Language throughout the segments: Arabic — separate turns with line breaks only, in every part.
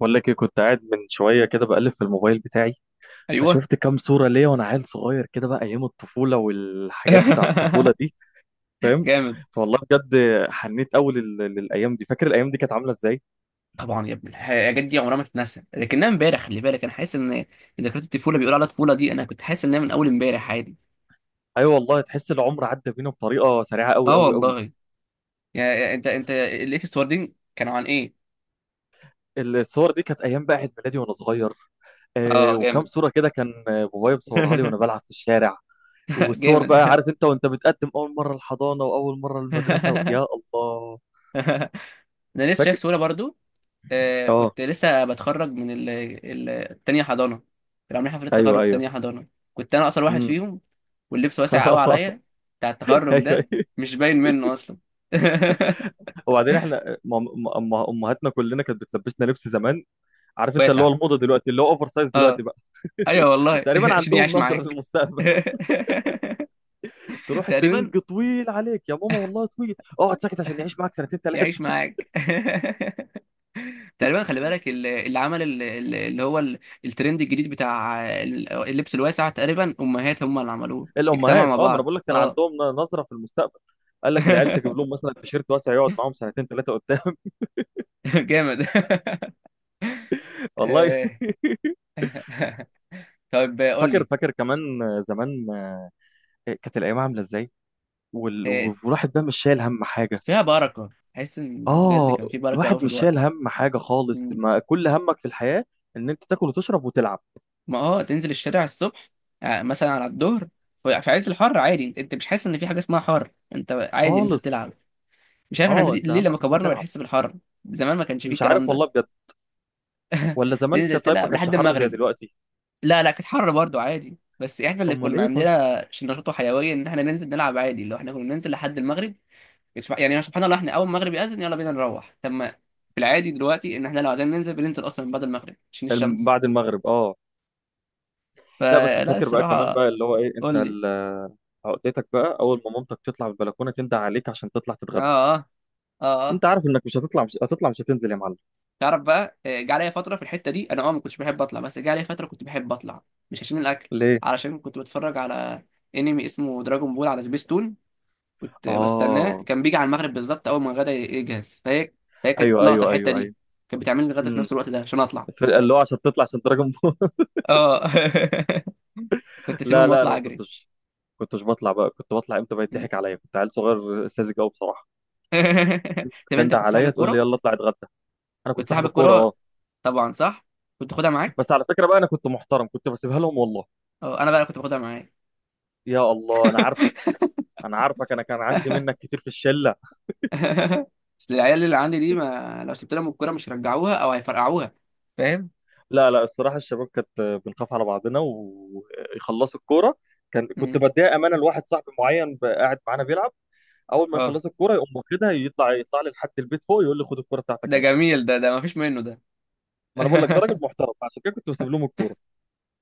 بقول لك ايه؟ كنت قاعد من شويه كده بقلب في الموبايل بتاعي،
ايوه.
فشفت كام صوره ليا وانا عيل صغير كده بقى. ايام الطفوله والحاجات بتاع الطفوله دي، فاهم؟
جامد.
فوالله بجد حنيت قوي للايام دي. فاكر الايام دي كانت عامله ازاي؟
طبعا يا ابني، الحاجات دي عمرها ما تتنسى، لكنها امبارح. خلي بالك، انا حاسس ان ذكريات الطفوله بيقولوا عليها طفوله، دي انا كنت حاسس انها من اول امبارح عادي.
ايوه والله، تحس العمر عدى بينا بطريقه سريعه قوي
اه
قوي قوي.
والله. يعني انت لقيت الصور دي كانوا عن ايه؟
الصور دي كانت ايام بقى عيد ميلادي وانا صغير. آه،
اه
وكام
جامد.
صوره كده كان، بابايا مصورها لي وانا بلعب في الشارع. والصور بقى
جامد.
عارف انت، وانت بتقدم اول مره الحضانه واول مره المدرسه، يا الله.
انا لسه شايف
فاكر.
صوره برضو. آه،
اه،
كنت لسه بتخرج من التانية حضانة. كانوا عاملين حفلة
ايوه
تخرج في
ايوه.
تانية حضانة. كنت أنا أقصر واحد
إمم.
فيهم، واللبس واسع قوي
اه،
عليا، بتاع التخرج
ايوه
ده،
ايوه.
مش باين منه أصلا.
وبعدين احنا امهاتنا كلنا كانت بتلبسنا لبس زمان. عارف انت، اللي هو
واسع،
الموضه دلوقتي، اللي هو اوفر سايز دلوقتي
اه.
بقى.
أيوه والله.
تقريبا
عشان
عندهم
يعيش
نظره
معاك.
للمستقبل. تروح الترنج
تقريبا.
طويل عليك يا ماما، والله طويل، اقعد ساكت عشان يعيش معاك سنتين
يعيش
ثلاثه.
معاك. تقريبا. خلي بالك اللي عمل الترند الجديد بتاع اللبس الواسع، تقريبا امهات هم اللي عملوه. اجتمعوا
الامهات،
مع
اه، ما انا
بعض،
بقول لك كان
اه.
عندهم نظره في المستقبل. قال لك العيال تجيب لهم مثلا تيشيرت واسع يقعد معاهم سنتين ثلاثه قدام.
جامد.
والله.
آه. طيب قول
فاكر
لي.
فاكر كمان زمان. كانت الايام عامله ازاي.
آه،
والواحد بقى مش شايل هم حاجه،
فيها بركة، حاسس ان بجد
اه،
كان في بركة قوي
الواحد
في
مش
الوقت.
شايل هم حاجه خالص.
مم.
ما كل همك في الحياه ان انت تاكل وتشرب وتلعب،
ما تنزل الشارع الصبح، مثلا على الظهر، في عز الحر عادي. انت مش حاسس ان في حاجة اسمها حر، انت عادي نزل
خالص.
تلعب. مش عارف احنا
اه، انت
ليه لما
همك ان انت
كبرنا
تلعب.
بنحس بالحر؟ زمان ما كانش فيه
مش عارف
الكلام ده.
والله، بجد. ولا زمان
تنزل
كان طيب، ما
تلعب
كانش
لحد
حر زي
المغرب.
دلوقتي.
لا لا، كانت حر برضو عادي، بس احنا اللي
امال
كنا
ايه طيب؟
عندنا نشاط وحيوية ان احنا ننزل نلعب عادي، لو احنا كنا ننزل لحد المغرب. يعني سبحان الله احنا اول ما المغرب يأذن يلا بينا نروح. طب ما في العادي دلوقتي ان احنا لو عايزين ننزل بننزل اصلا من بعد المغرب عشان الشمس.
بعد المغرب، اه. لا، بس
فلا،
فاكر بقى كمان
الصراحه.
بقى اللي هو ايه، انت
قول لي.
عقدتك بقى، اول ما مامتك تطلع من البلكونه تندى عليك عشان تطلع
اه،
تتغدى،
اه، اه، اه.
انت عارف انك مش هتطلع، مش هتطلع، مش هتنزل يا معلم.
تعرف بقى، جه عليا فتره في الحته دي انا ما كنتش بحب اطلع، بس جه عليا فتره كنت بحب اطلع. مش عشان الاكل.
ليه؟
علشان كنت بتفرج على انمي اسمه دراجون بول على سبيستون. كنت بستناه،
اه،
كان بيجي على المغرب بالظبط اول ما الغدا يجهز. فهي كانت
ايوه
لقطه
ايوه
الحته
ايوه
دي.
ايوه.
كانت بتعمل لي الغدا في
امم.
نفس الوقت ده عشان اطلع.
اللي هو عشان تطلع، عشان تراجع.
اه. كنت
لا
اسيبهم
لا، انا
واطلع
ما
اجري.
كنتش بطلع بقى. كنت بطلع امتى بقى يضحك عليا، كنت عيل صغير ساذج قوي بصراحه.
طب انت
تندع
كنت صاحب
عليا تقول
الكوره.
لي يلا اطلع اتغدى. انا كنت
كنت صاحب
صاحب الكوره، اه.
الكوره طبعا، صح، كنت تاخدها معاك.
بس على فكره بقى، انا كنت محترم، كنت بسيبها لهم والله.
اه، انا بقى كنت باخدها معايا.
يا الله، انا عارفك، انا عارفك، انا كان عندي منك كتير في الشله.
بس العيال اللي عندي دي، ما لو سبت لهم الكوره مش هيرجعوها او هيفرقعوها. فاهم.
لا لا، الصراحه الشباب كانت بنخاف على بعضنا ويخلصوا الكوره. كنت
مم.
بديها امانه لواحد صاحبي معين بقى قاعد معانا بيلعب، اول ما
اه،
يخلص الكوره يقوم واخدها، يطلع لي لحد البيت فوق، يقول لي خد الكوره بتاعتك
ده
اهي.
جميل ده ما فيش منه ده.
ما انا بقول لك ده راجل محترم، عشان كده كنت بسيب لهم الكوره.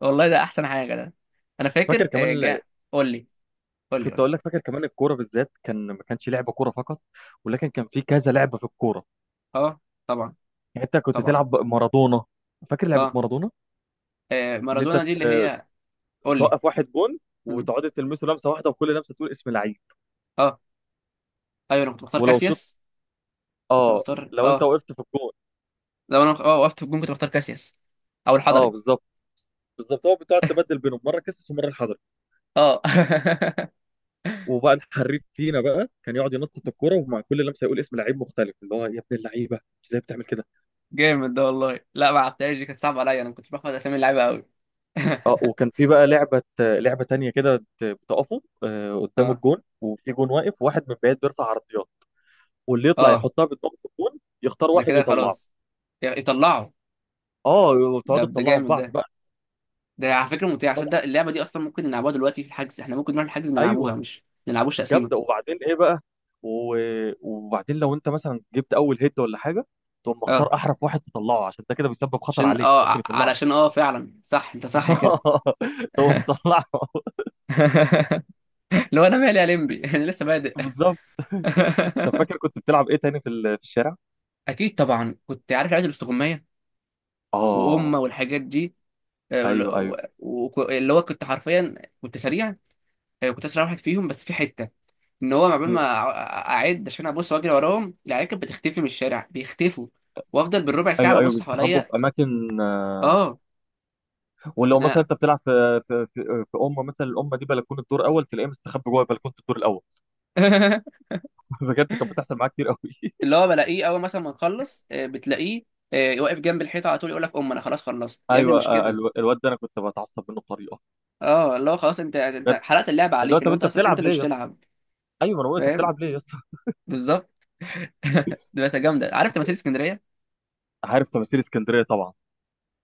والله ده احسن حاجه ده. انا
فاكر
فاكر
كمان؟
جاء. قول لي. قول لي،
كنت
قول لي.
اقول لك فاكر كمان، الكوره بالذات كان ما كانش لعبه كوره فقط، ولكن كان في كذا لعبه في الكوره.
اه، طبعا،
يعني انت كنت
طبعا.
تلعب مارادونا، فاكر لعبه
اه،
مارادونا؟ ان انت
مارادونا دي اللي هي. قول لي.
توقف واحد جون
مم.
وتقعد تلمسه لمسه واحده، وكل لمسه تقول اسم لعيب.
اه. ايوه، انا كنت بختار
ولو شوط،
كاسياس. كنت
اه،
بختار،
لو انت
اه،
وقفت في الجون.
لو انا وقفت في الجون كنت بختار كاسياس، او
اه،
الحضري.
بالظبط، بالظبط. هو بتقعد تبدل بينهم، مره كسس ومره الحضري.
اه.
وبقى الحريف فينا بقى كان يقعد ينطط الكوره، ومع كل لمسه يقول اسم لعيب مختلف، اللي هو يا ابن اللعيبه ازاي بتعمل كده؟
جامد ده والله، لا ما عرفتهاش دي، كانت صعبه عليا، انا ما كنتش بحفظ اسامي اللعيبه قوي.
اه، وكان في بقى لعبة تانية كده، بتقفوا قدام
اه،
الجون، وفي جون واقف، وواحد من بعيد بيرفع عرضيات، واللي يطلع
اه،
يحطها بدماغه في الجون يختار
ده
واحد
كده
يطلعه.
خلاص يطلعوا.
اه، وتقعدوا
ده
تطلعوا في
جامد ده.
بعض بقى.
ده على فكره ممتع، عشان
طبعا.
ده اللعبه دي اصلا ممكن نلعبوها دلوقتي في الحجز، احنا ممكن نروح الحجز نلعبوها
ايوه.
مش نلعبوش
جامدة.
تقسيمه.
وبعدين ايه بقى؟ و... وبعدين لو انت مثلا جبت اول هيد ولا حاجة، تقوم
اه،
مختار احرف واحد تطلعه، عشان ده كده بيسبب خطر
عشان
عليك، ممكن يطلعك.
علشان فعلا صح، انت صح كده.
تقوم مطلعه.
لو انا مالي يا لمبي. انا لسه بادئ.
بالظبط. طب فاكر كنت بتلعب ايه تاني في في الشارع؟
اكيد طبعا، كنت عارف لعبه الاستغمايه
اه،
وامه والحاجات دي،
ايوه ايوه.
واللي هو كنت حرفيا كنت سريع. كنت اسرع واحد فيهم، بس في حته ان هو عقبال ما
إمم.
اعد عشان ابص واجري وراهم، العيال كانت بتختفي من الشارع، بيختفوا وافضل بالربع
ايوه
ساعه
ايوه،
ببص
بيستخبوا
حواليا.
في اماكن،
اه،
ولو مثلا
انا.
انت بتلعب في في امه مثلا، الامه دي بلكونه الدور اول، تلاقيه مستخبي جوه بلكونه الدور الاول. بجد، كانت بتحصل معايا كتير قوي.
اللي هو بلاقيه اول مثلا ما نخلص، بتلاقيه واقف جنب الحيطه على طول، يقول لك ام انا خلاص خلصت يا ابني،
ايوه،
مش كده.
الواد ده انا كنت بتعصب منه بطريقه،
اه، اللي هو خلاص انت
بجد.
حرقت اللعبه
اللي هو
عليك، اللي
طب
هو انت
انت
اصلا انت
بتلعب
اللي
ليه
مش
يا اسطى،
تلعب.
ايوه، انا بقول انت
فاهم.
بتلعب ليه يا اسطى؟
بالظبط. دي بس جامده، عارف تماثيل اسكندريه.
عارف تماثيل اسكندريه طبعا.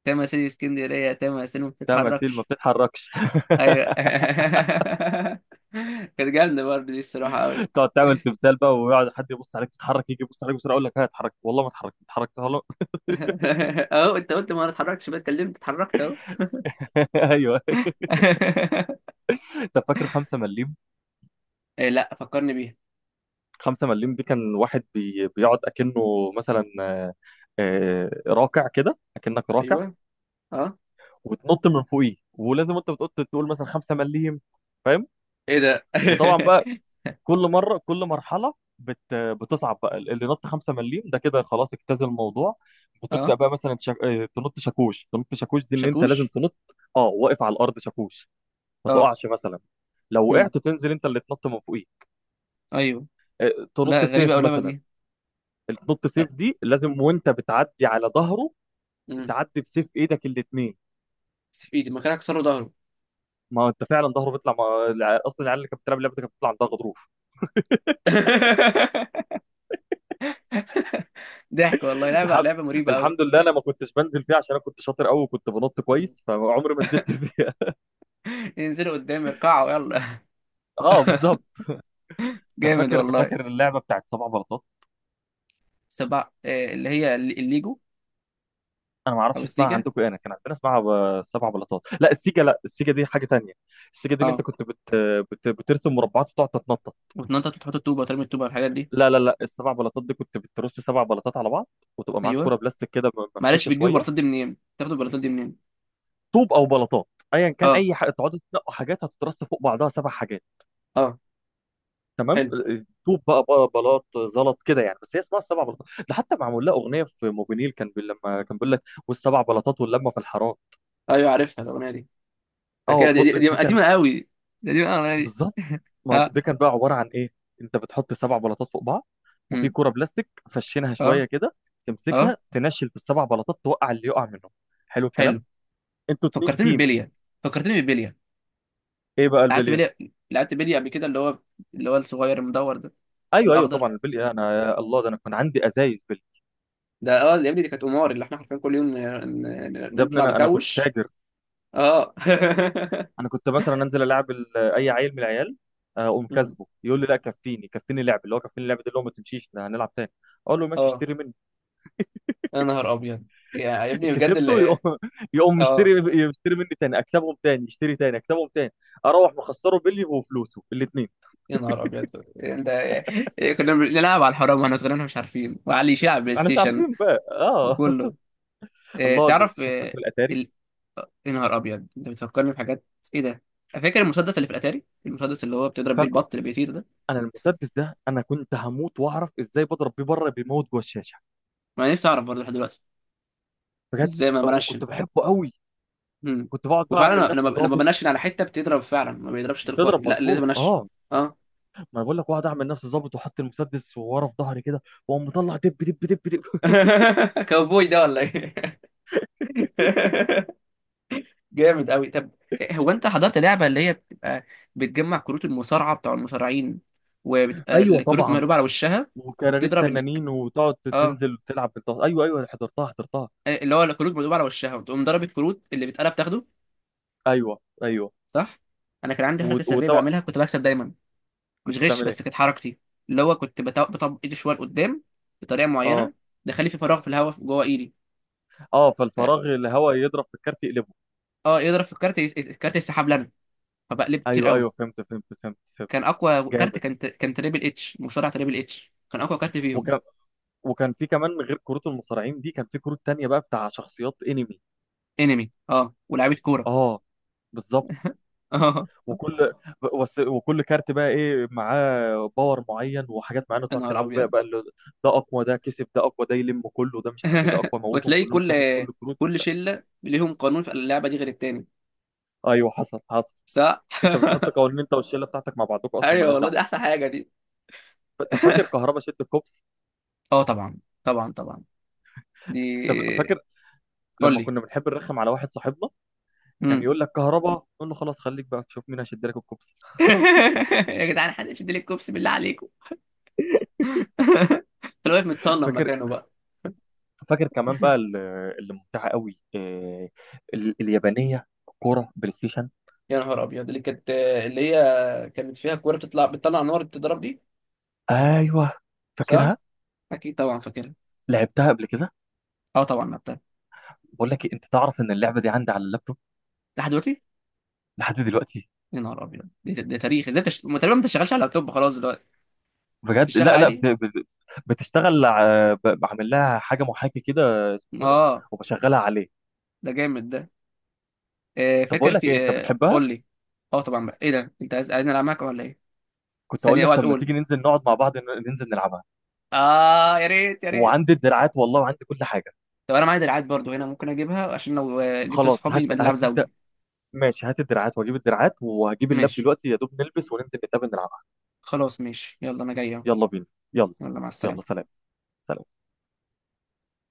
تماثيل اسكندريه، تماثيل ما
تماثيل ما
بتتحركش.
بتتحركش.
ايوه. كانت جامده برضه دي الصراحه قوي.
تقعد تعمل تمثال بقى، ويقعد حد يبص عليك، تتحرك، يجي يبص عليك بسرعه، اقول لك ها، اتحرك والله ما اتحركت، اتحركت والله.
اهو انت قلت ما اتحركتش بقى، اتكلمت اتحركت اهو.
ايوه. طب فاكر 5 مليم؟
إيه، لا فكرني بيها.
خمسة مليم دي كان واحد بيقعد أكنه مثلا، راكع كده، أكنك راكع،
ايوه، اه.
وتنط من فوقيه. ولازم أنت بتقول، مثلا خمسة مليم، فاهم؟
ايه ده؟
وطبعا بقى كل كل مرحلة بتصعب بقى. اللي نط خمسة مليم ده كده خلاص اجتاز الموضوع، بتبدأ
اه،
بقى مثلا، شك... آه، تنط شاكوش. تنط شاكوش دي إن أنت لازم
شاكوش.
تنط، أه، واقف على الأرض شاكوش، ما
اه.
تقعش مثلا. لو
امم.
وقعت تنزل أنت اللي تنط من فوقيه.
ايوه. لا،
تنط
غريبه
سيف
قوي اللعبه
مثلا.
دي.
النط سيف دي لازم وانت بتعدي على ظهره،
امم.
تعدي بسيف ايدك الاثنين.
بس في ايدي مكانها كسروا ظهره.
ما انت فعلا ظهره بيطلع، ما... الع- اصلا العيال اللي كانت بتلعب اللعبه دي كانت بتطلع عندها غضروف.
ضحك والله، لعبه
الحمد
لعبه مريبه قوي.
الحمد لله، انا ما كنتش بنزل فيها عشان انا كنت شاطر قوي وكنت بنط
مم.
كويس، فعمري ما نزلت فيها.
ينزلوا قدام يركعوا، يلا.
اه، بالظبط. انت
جامد
فاكر
والله.
فاكر اللعبه بتاعت سبع بلاطات؟
سبع إيه، اللي هي الليجو،
انا ما
او
اعرفش اسمها
السيجا.
عندكم ايه، انا كان عندنا اسمها سبع بلاطات. لا، السيجا دي حاجه تانية. السيجا دي اللي انت
اه،
كنت بترسم مربعات وتقعد تتنطط.
وتنطط وتحط الطوبه وترمي الطوبه والحاجات دي.
لا لا لا، السبع بلاطات دي كنت بترص سبع بلاطات على بعض، وتبقى معاك
ايوه،
كرة بلاستيك كده
معلش
ممشوشه
بتجيب
شويه.
البلاطات دي منين؟ بتاخد البلاطات دي منين؟
طوب او بلاطات، ايا كان،
اه،
اي حاجه تقعدوا تنقوا حاجات هتترص فوق بعضها سبع حاجات.
اه.
تمام،
حلو.
طوب بقى بلاط، زلط كده يعني. بس هي اسمها السبع بلاطات، ده حتى معمول لها اغنيه في موبينيل، كان لما كان بيقول لك والسبع بلاطات واللمه في الحرام.
ايوه، عارفها الاغنيه دي.
اه،
فاكرها، دي، دي، دي
دي كان،
قديمه قوي. دي قديمه قوي الاغنيه دي.
بالظبط. ما
اه.
دي كان بقى عباره عن ايه، انت بتحط سبع بلاطات فوق بعض، وفي
مم.
كرة بلاستيك فشينها
اه،
شويه كده،
اه،
تمسكها تنشل في السبع بلاطات، توقع اللي يقع منهم. حلو الكلام.
حلو.
انتوا اتنين
فكرتني
تيم.
ببلية، فكرتني ببلية.
ايه بقى
لعبت
البليه؟
بلية، لعبت بلية قبل كده، اللي هو اللي هو الصغير المدور ده،
ايوه ايوه،
الاخضر.
طبعا البليه، انا يا الله، ده انا كان عندي ازايز بليه.
ده اه يا ابني، دي كانت قمار، اللي احنا حرفيا كل يوم
يا ابني،
نطلع
انا كنت
نكوش.
تاجر.
اه.
انا كنت مثلا انزل العب اي عيل من العيال، اقوم
مم.
كاسبه، يقول لي لا كفيني، كفيني لعب، اللي هو كفيني لعب ده اللي هو ما تمشيش ده، هنلعب تاني. اقول له ماشي،
اه.
اشتري مني.
يا نهار ابيض. يا ابني بجد
كسبته
اللي.
يقوم، يقوم مشتري،
اه،
يشتري مني تاني، اكسبهم تاني، يشتري تاني، اكسبهم تاني. اروح مخسره بلي وفلوسه الاثنين.
يا نهار ابيض. انت كنا بنلعب على الحرام واحنا صغيرين مش عارفين، وعلي يشيل على البلاي
احنا مش
ستيشن
عارفين بقى، اه.
وكله. إيه،
الله، البلاي
تعرف
ستيشن. فاكر
إيه
الاتاري؟
ال... يا نهار ابيض انت بتفكرني في حاجات. ايه ده؟ فاكر المسدس اللي في الاتاري، المسدس اللي هو بتضرب بيه
فاكر.
البط اللي بيطير ده.
انا المسدس ده، انا كنت هموت واعرف ازاي بضرب بيه بره بيموت جوه الشاشه.
ما أنا نفسي اعرف برضه لحد دلوقتي
بجد.
ازاي ما بنشن.
وكنت بحبه قوي.
مم.
كنت بقعد بقى
وفعلا
اعمل نفسي
أنا
ظابط.
بنشن على حته بتضرب فعلا، ما بيضربش تلقائي،
بتضرب
لا لازم
مظبوط،
انشن.
اه.
اه.
ما انا بقول لك، بقعد اعمل نفسي ظابط واحط المسدس ورا في ظهري كده، واقوم مطلع دب دب دب دب.
كاوبوي ده ولا ايه؟ جامد قوي. طب هو انت حضرت لعبه اللي هي بتبقى بتجمع كروت المصارعه بتاع المصارعين، وبتبقى
ايوه.
الكروت
طبعا.
مقلوبه على وشها،
وكراريت
وتضرب اللي.
تنانين، وتقعد
اه.
تنزل تلعب بالطاقه. ايوه ايوه، حضرتها، حضرتها.
اللي هو الكروت مقلوبه على وشها، وتقوم ضرب الكروت اللي بتقلب تاخده.
ايوه ايوه،
صح. انا كان عندي حركه سريه
وطبعا
بعملها، كنت بكسب دايما. مش
كنت
غش،
بتعمل
بس
ايه؟
كانت حركتي، اللي هو كنت بطبق ايدي شويه لقدام، بطريقه
اه.
معينه، دخلي في فراغ، في الهواء، جوه ايدي.
اه،
ف...
فالفراغ الهواء يضرب في الكارت يقلبه.
اه، يضرب في الكارت، الكارت يسحب لنا، فبقلب كتير
ايوه
قوي.
ايوه، فهمت فهمت فهمت فهمت.
كان اقوى كارت،
جامد.
كان تريبل اتش، مصارع تريبل اتش كان اقوى كارت فيهم.
وكان في كمان، غير كروت المصارعين دي كان في كروت تانية بقى بتاع شخصيات انمي.
انمي اه، ولاعيبه كوره.
اه، بالظبط.
اه.
وكل وكل كارت بقى ايه معاه باور معين وحاجات معينه
يا
تقعد
نهار
تلعبوا بيها
ابيض.
بقى، اللي ده اقوى، ده كسب، ده اقوى، ده يلم كله، ده مش عارف ايه، ده اقوى موتهم
وتلاقي
كلهم تاخد كل الكروت
كل
وبتاع.
شله ليهم قانون في اللعبه دي غير التاني.
ايوه، حصل حصل.
صح.
انت بتحط قوانين انت والشله بتاعتك مع بعضكم، اصلا
ايوه
مالهاش
والله،
دعوه.
دي احسن حاجه دي.
طب فاكر كهربا شد الكوبس؟
اه طبعا، طبعا طبعا، دي.
طب فاكر
قول
لما
لي.
كنا بنحب نرخم على واحد صاحبنا، كان
مم.
يقول لك كهربا، نقول له خلاص خليك بقى تشوف مين هيشد لك الكوبس.
يا جدعان، حد يشد لي الكوبس بالله عليكم. كان واقف متصنم
فاكر.
مكانه بقى.
فاكر كمان بقى اللي ممتعه قوي، اليابانيه، كوره بلاي ستيشن.
يا نهار ابيض. اللي هي كانت فيها كوره بتطلع، نار بتضرب دي.
ايوه،
صح.
فاكرها،
اكيد طبعا فاكرها.
لعبتها قبل كده.
اه طبعا لعبتها.
بقول لك إيه، انت تعرف ان اللعبه دي عندي على اللابتوب
لحد دلوقتي؟
لحد دلوقتي؟
يا نهار ابيض، ده تاريخ، ازاي ما تقريبا ما تشتغلش على لابتوب خلاص دلوقتي.
بجد.
بتشتغل
لا لا،
عادي.
بتشتغل، بعمل لها حاجه محاكي كده، سيمفونيكس،
اه،
وبشغلها عليه.
ده جامد ده. آه،
طب
فاكر
بقول لك ايه،
في،
انت
آه،
بتحبها؟
قول لي. اه طبعا، بقى ايه ده، انت عايز عايزني العب معاك ولا ايه؟
كنت اقول
ثانيه،
لك
اوعى
طب ما
تقول.
تيجي ننزل نقعد مع بعض، ننزل نلعبها.
اه، يا ريت، يا ريت.
وعندي الدراعات والله، وعندي كل حاجه.
طب انا معايا دراعات برضو هنا، ممكن اجيبها عشان لو جبت
خلاص
صحابي
هات
يبقى نلعب
هات انت.
زوجي.
ماشي، هات الدراعات واجيب الدراعات، وهجيب اللاب
ماشي.
دلوقتي، يا دوب نلبس وننزل نتقابل نلعب.
خلاص ماشي، يلا انا جاي أهو.
يلا بينا. يلا.
يلا مع
يلا
السلامه.
سلام. سلام.